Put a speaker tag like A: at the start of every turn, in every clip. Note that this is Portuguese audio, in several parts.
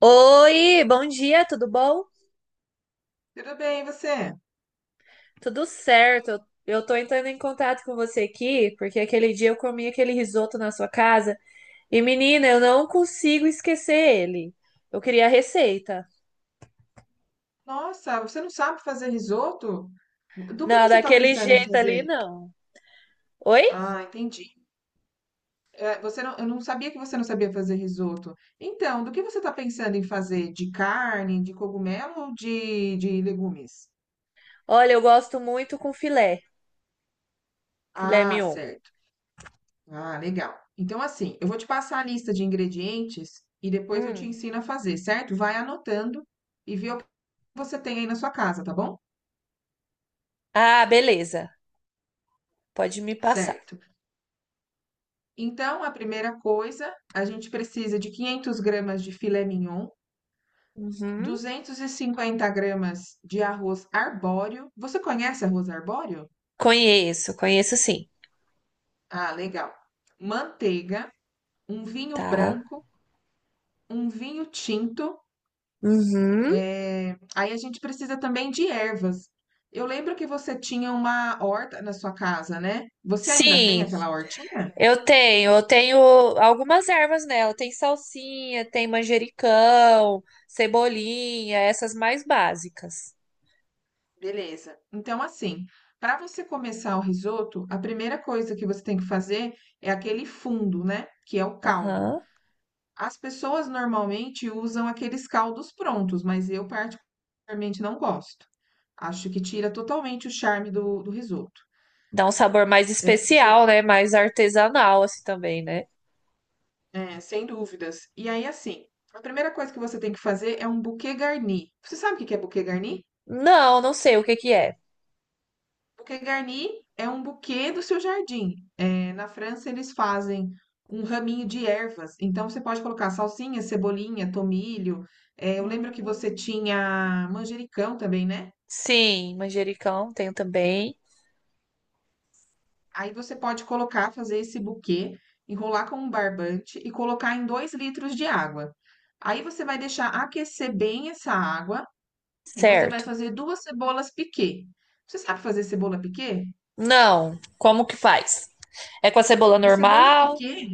A: Oi, bom dia, tudo bom?
B: Tudo bem, e você?
A: Tudo certo. Eu tô entrando em contato com você aqui, porque aquele dia eu comi aquele risoto na sua casa e, menina, eu não consigo esquecer ele. Eu queria a receita.
B: Nossa, você não sabe fazer risoto? Do que
A: Não,
B: você está
A: daquele
B: pensando em
A: jeito ali,
B: fazer?
A: não. Oi?
B: Ah, entendi. É, você não, eu não sabia que você não sabia fazer risoto. Então, do que você está pensando em fazer? De carne, de cogumelo ou de legumes?
A: Olha, eu gosto muito com filé, filé
B: Ah,
A: mignon.
B: certo. Ah, legal. Então, assim, eu vou te passar a lista de ingredientes e depois eu te
A: Hum.
B: ensino a fazer, certo? Vai anotando e vê o que você tem aí na sua casa, tá bom?
A: Ah, beleza. Pode me passar.
B: Certo. Então, a primeira coisa, a gente precisa de 500 gramas de filé mignon,
A: Uhum.
B: 250 gramas de arroz arbóreo. Você conhece arroz arbóreo?
A: Conheço, conheço sim,
B: Ah, legal. Manteiga, um vinho
A: tá?
B: branco, um vinho tinto.
A: Uhum.
B: Aí a gente precisa também de ervas. Eu lembro que você tinha uma horta na sua casa, né? Você ainda tem
A: Sim,
B: aquela hortinha?
A: eu tenho algumas ervas nela. Tem salsinha, tem manjericão, cebolinha, essas mais básicas.
B: Beleza. Então, assim, para você começar o risoto, a primeira coisa que você tem que fazer é aquele fundo, né? Que é o caldo.
A: Aham.
B: As pessoas normalmente usam aqueles caldos prontos, mas eu particularmente não gosto. Acho que tira totalmente o charme do risoto.
A: Dá um sabor mais
B: É, você,
A: especial, né? Mais artesanal, assim também, né?
B: é, sem dúvidas. E aí, assim, a primeira coisa que você tem que fazer é um bouquet garni. Você sabe o que que é bouquet garni?
A: Não, não sei o que que é.
B: Bouquet garni é um buquê do seu jardim. É, na França, eles fazem um raminho de ervas. Então, você pode colocar salsinha, cebolinha, tomilho. É, eu lembro que você
A: Hum.
B: tinha manjericão também, né?
A: Sim, manjericão tenho também.
B: Aí você pode colocar, fazer esse buquê, enrolar com um barbante e colocar em 2 litros de água. Aí você vai deixar aquecer bem essa água e você vai
A: Certo.
B: fazer duas cebolas piquê. Você sabe fazer cebola piquê?
A: Não, como que faz? É com a cebola
B: A cebola
A: normal?
B: piquê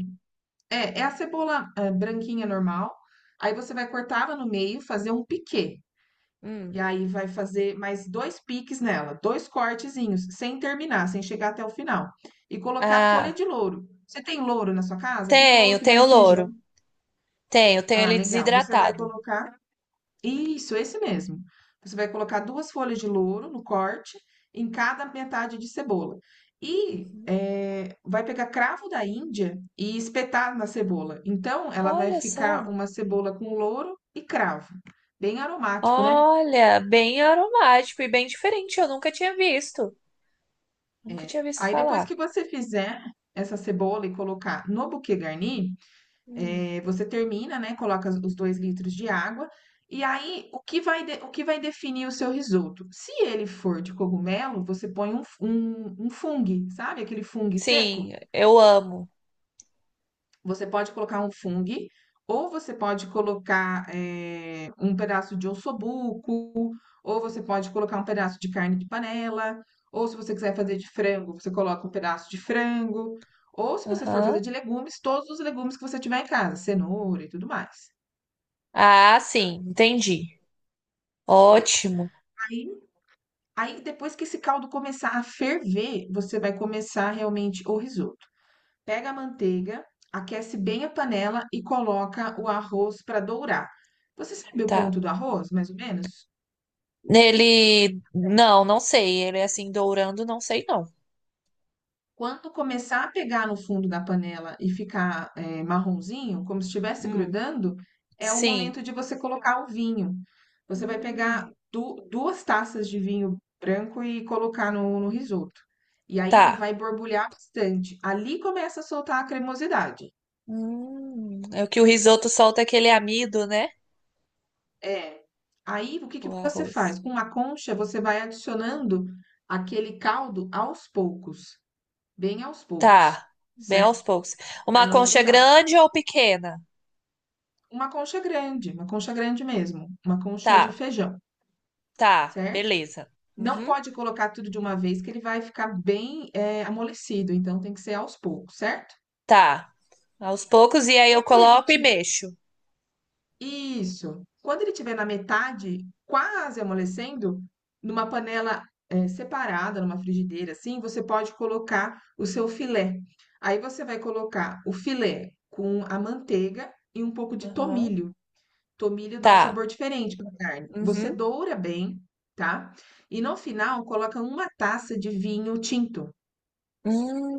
B: é, é a cebola, branquinha normal. Aí você vai cortar ela no meio, fazer um piquê. E
A: Hum.
B: aí vai fazer mais dois piques nela, dois cortezinhos, sem terminar, sem chegar até o final. E colocar folha
A: Ah,
B: de louro. Você tem louro na sua casa? Aquele louro
A: tenho,
B: que vai
A: tenho
B: no feijão.
A: louro. Tenho, tenho
B: Ah,
A: ele
B: legal. Você vai
A: desidratado.
B: colocar isso, esse mesmo. Você vai colocar duas folhas de louro no corte, em cada metade de cebola. E
A: Uhum.
B: vai pegar cravo da Índia e espetar na cebola. Então, ela vai
A: Olha só.
B: ficar uma cebola com louro e cravo. Bem aromático, né?
A: Olha, bem aromático e bem diferente. Eu nunca tinha visto. Nunca tinha visto
B: Aí, depois
A: falar.
B: que você fizer essa cebola e colocar no buquê garni,
A: Hum.
B: é, você termina, né? Coloca os 2 litros de água. E aí, o que vai, o que vai definir o seu risoto? Se ele for de cogumelo, você põe um, um fungo, sabe? Aquele fungo seco.
A: Sim, eu amo.
B: Você pode colocar um fungo, ou você pode colocar um pedaço de ossobuco, ou você pode colocar um pedaço de carne de panela, ou se você quiser fazer de frango, você coloca um pedaço de frango, ou se você for fazer
A: Aham.
B: de legumes, todos os legumes que você tiver em casa, cenoura e tudo mais.
A: Ah,
B: Tá,
A: sim, entendi.
B: beleza.
A: Ótimo.
B: Aí aí depois que esse caldo começar a ferver, você vai começar realmente o risoto. Pega a manteiga, aquece bem a panela e coloca o arroz para dourar. Você sabe o
A: Tá.
B: ponto do arroz, mais ou menos?
A: Ele. Não, não sei. Ele é assim, dourando, não sei não.
B: Quando começar a pegar no fundo da panela e ficar, marronzinho, como se estivesse
A: Hum.
B: grudando, é o
A: Sim.
B: momento de você colocar o vinho. Você vai
A: Hum.
B: pegar du duas taças de vinho branco e colocar no risoto. E aí ele
A: Tá.
B: vai borbulhar bastante. Ali começa a soltar a cremosidade.
A: Hum. É o que o risoto solta aquele amido, né?
B: É. Aí o que que
A: O
B: você
A: arroz.
B: faz? Com uma concha, você vai adicionando aquele caldo aos poucos, bem aos poucos,
A: Tá. Bem
B: certo?
A: aos poucos.
B: Para
A: Uma
B: não
A: concha
B: grudar.
A: grande ou pequena?
B: Uma concha grande mesmo, uma concha de
A: Tá.
B: feijão,
A: Tá,
B: certo?
A: beleza.
B: Não,
A: Uhum.
B: pode colocar tudo de uma vez, que ele vai ficar bem, amolecido, então tem que ser aos poucos, certo?
A: Tá. Aos poucos, e aí eu
B: Quando ele
A: coloco e
B: ti-
A: mexo.
B: Isso. Quando ele tiver na metade, quase amolecendo, numa panela, separada, numa frigideira assim, você pode colocar o seu filé. Aí você vai colocar o filé com a manteiga e um pouco de
A: Aham.
B: tomilho. Tomilho dá um
A: Tá.
B: sabor diferente para a carne. Você
A: Uhum.
B: doura bem, tá? E no final coloca uma taça de vinho tinto.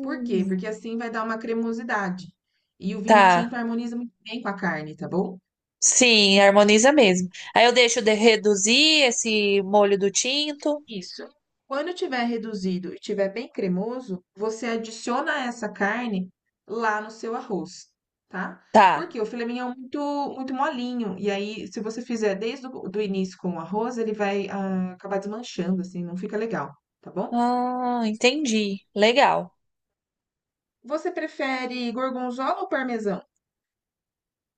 B: Por quê? Porque assim vai dar uma cremosidade. E o vinho
A: tá.
B: tinto harmoniza muito bem com a carne, tá bom?
A: Sim, harmoniza mesmo. Aí eu deixo de reduzir esse molho do tinto.
B: Isso. Quando tiver reduzido e tiver bem cremoso, você adiciona essa carne lá no seu arroz, tá?
A: Tá.
B: Porque o filé mignon é muito, muito molinho. E aí, se você fizer desde o do início com o arroz, ele vai acabar desmanchando, assim, não fica legal, tá bom?
A: Ah, entendi. Legal.
B: Você prefere gorgonzola ou parmesão?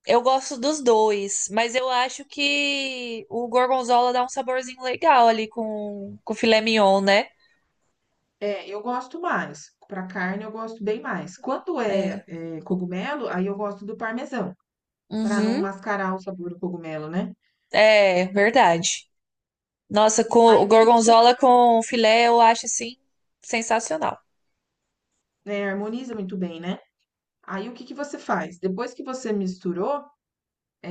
A: Eu gosto dos dois, mas eu acho que o gorgonzola dá um saborzinho legal ali com o filé mignon, né?
B: É, eu gosto mais. Para carne, eu gosto bem mais. Quando
A: É.
B: cogumelo, aí eu gosto do parmesão, para não
A: Uhum.
B: mascarar o sabor do cogumelo, né?
A: É, verdade. Nossa, com
B: Aí
A: o
B: o que que você,
A: gorgonzola com filé eu acho assim sensacional.
B: né, harmoniza muito bem, né? Aí o que que você faz? Depois que você misturou,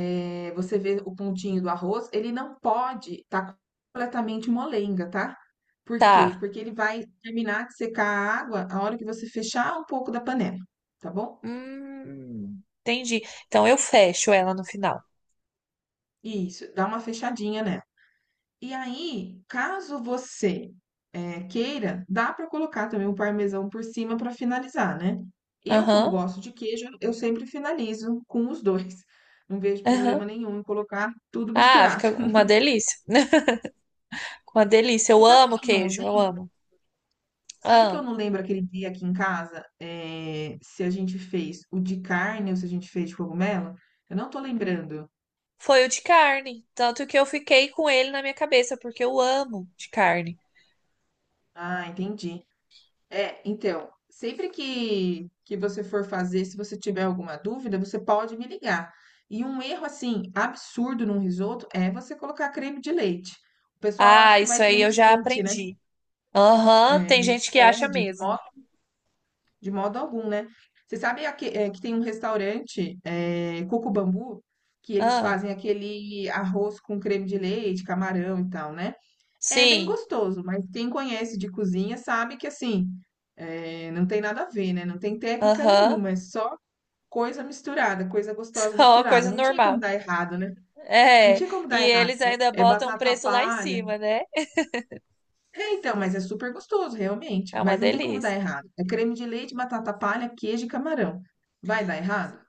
B: você vê o pontinho do arroz, ele não pode estar completamente molenga, tá? Por quê?
A: Tá.
B: Porque ele vai terminar de secar a água a hora que você fechar um pouco da panela, tá bom?
A: Entendi. Então eu fecho ela no final.
B: Isso, dá uma fechadinha nela. E aí, caso você queira, dá para colocar também o parmesão por cima para finalizar, né? Eu, como
A: Aham,
B: gosto de queijo, eu sempre finalizo com os dois. Não vejo problema
A: aham.
B: nenhum em colocar tudo
A: Ah,
B: misturado.
A: fica uma delícia. Uma delícia.
B: Você
A: Eu
B: sabe
A: amo
B: que eu não
A: queijo, eu
B: lembro?
A: amo.
B: Sabe que eu
A: Ah,
B: não lembro aquele dia aqui em casa, se a gente fez o de carne ou se a gente fez de cogumelo? Eu não tô lembrando.
A: foi o de carne. Tanto que eu fiquei com ele na minha cabeça, porque eu amo de carne.
B: Ah, entendi. É, então, sempre que você for fazer, se você tiver alguma dúvida, você pode me ligar. E um erro, assim, absurdo num risoto é você colocar creme de leite. O pessoal acha
A: Ah,
B: que
A: isso
B: vai
A: aí
B: creme
A: eu
B: de
A: já
B: leite, né?
A: aprendi. Aham,
B: É,
A: tem
B: não
A: gente que acha
B: pode,
A: mesmo.
B: de modo algum, né? Você sabe que tem um restaurante, Coco Bambu, que eles
A: Ah,
B: fazem aquele arroz com creme de leite, camarão e tal, né? É bem
A: sim.
B: gostoso, mas quem conhece de cozinha sabe que assim, não tem nada a ver, né? Não tem técnica
A: Aham.
B: nenhuma, é só coisa misturada, coisa gostosa
A: Só uma
B: misturada.
A: coisa
B: Não tinha como
A: normal.
B: dar errado, né? Não
A: É,
B: tinha como
A: e
B: dar errado,
A: eles
B: né?
A: ainda
B: É
A: botam um
B: batata
A: preço lá em
B: palha.
A: cima, né?
B: É, então, mas é super gostoso, realmente.
A: É uma
B: Mas não tem como dar
A: delícia.
B: errado. É creme de leite, batata palha, queijo e camarão. Vai dar errado?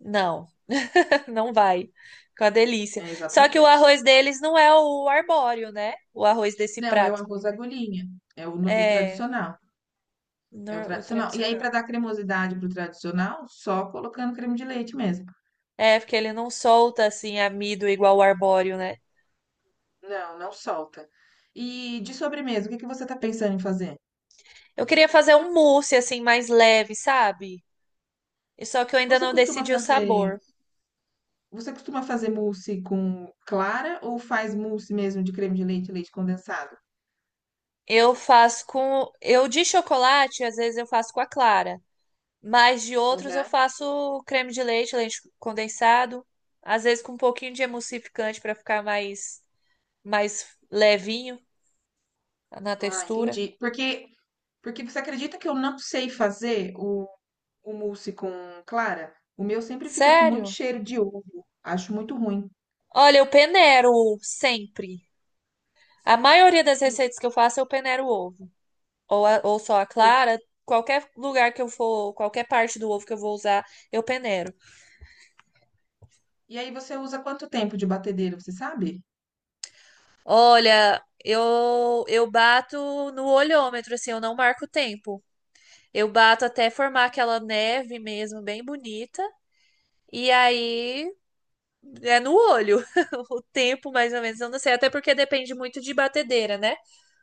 A: Não, não vai. Com a delícia.
B: É,
A: Só que o
B: exatamente.
A: arroz deles não é o arbóreo, né? O arroz desse
B: Não, é o
A: prato.
B: arroz agulhinha. É o, o
A: É,
B: tradicional. É o
A: nor- o
B: tradicional. E aí,
A: tradicional.
B: para dar cremosidade pro tradicional, só colocando creme de leite mesmo.
A: É, porque ele não solta assim amido igual o arbóreo, né?
B: Não, não solta. E de sobremesa, o que que você tá pensando em fazer?
A: Eu queria fazer um mousse assim mais leve, sabe? E só que eu ainda
B: Você
A: não
B: costuma
A: decidi o
B: fazer,
A: sabor.
B: você costuma fazer mousse com clara ou faz mousse mesmo de creme de leite, e leite condensado?
A: Eu faço com. Eu de chocolate, às vezes eu faço com a clara. Mas de outros eu
B: Aham.
A: faço creme de leite, leite condensado, às vezes com um pouquinho de emulsificante para ficar mais levinho na
B: Ah,
A: textura.
B: entendi. Porque você acredita que eu não sei fazer o mousse com clara? O meu sempre fica com muito
A: Sério?
B: cheiro de ovo. Acho muito ruim.
A: Olha, eu peneiro sempre. A maioria das
B: E,
A: receitas que eu faço eu peneiro o ovo, ou a- ou só a
B: por-
A: clara. Qualquer lugar que eu for, qualquer parte do ovo que eu vou usar, eu peneiro.
B: e aí você usa quanto tempo de batedeira, você sabe?
A: Olha, eu bato no olhômetro, assim, eu não marco o tempo. Eu bato até formar aquela neve mesmo, bem bonita. E aí é no olho o tempo, mais ou menos. Eu não sei, até porque depende muito de batedeira, né?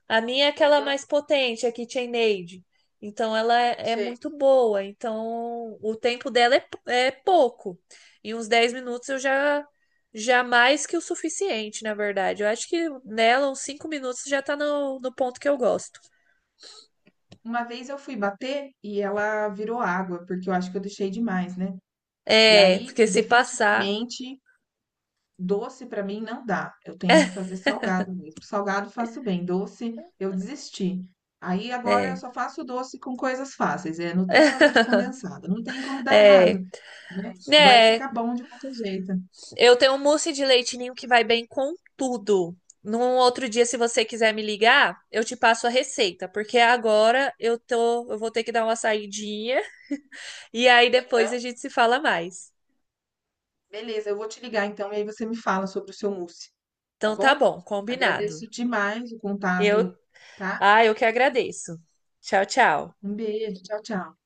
A: A minha é aquela
B: Uhum.
A: mais potente, a KitchenAid. Então ela é
B: Sei.
A: muito boa. Então o tempo dela é, é pouco. Em uns 10 minutos eu já. Já mais que o suficiente, na verdade. Eu acho que nela, uns 5 minutos já tá no, no ponto que eu gosto.
B: Uma vez eu fui bater e ela virou água, porque eu acho que eu deixei demais, né? E
A: É,
B: aí,
A: porque se passar.
B: definitivamente, doce pra mim não dá. Eu tenho que fazer salgado mesmo. Salgado faço bem, doce eu desisti. Aí agora eu
A: É,
B: só faço doce com coisas fáceis, é Nutella, leite condensado. Não tem como dar errado,
A: é.
B: né? Vai
A: É,
B: ficar bom de qualquer jeito.
A: eu tenho um mousse de leite ninho que vai bem com tudo. Num outro dia, se você quiser me ligar, eu te passo a receita, porque agora eu tô, eu vou ter que dar uma saidinha e aí depois a gente se fala mais.
B: Beleza, eu vou te ligar então e aí você me fala sobre o seu mousse, tá
A: Então tá
B: bom?
A: bom, combinado.
B: Agradeço demais o
A: Eu,
B: contato, tá?
A: ah, eu que agradeço. Tchau, tchau.
B: Um beijo, tchau, tchau.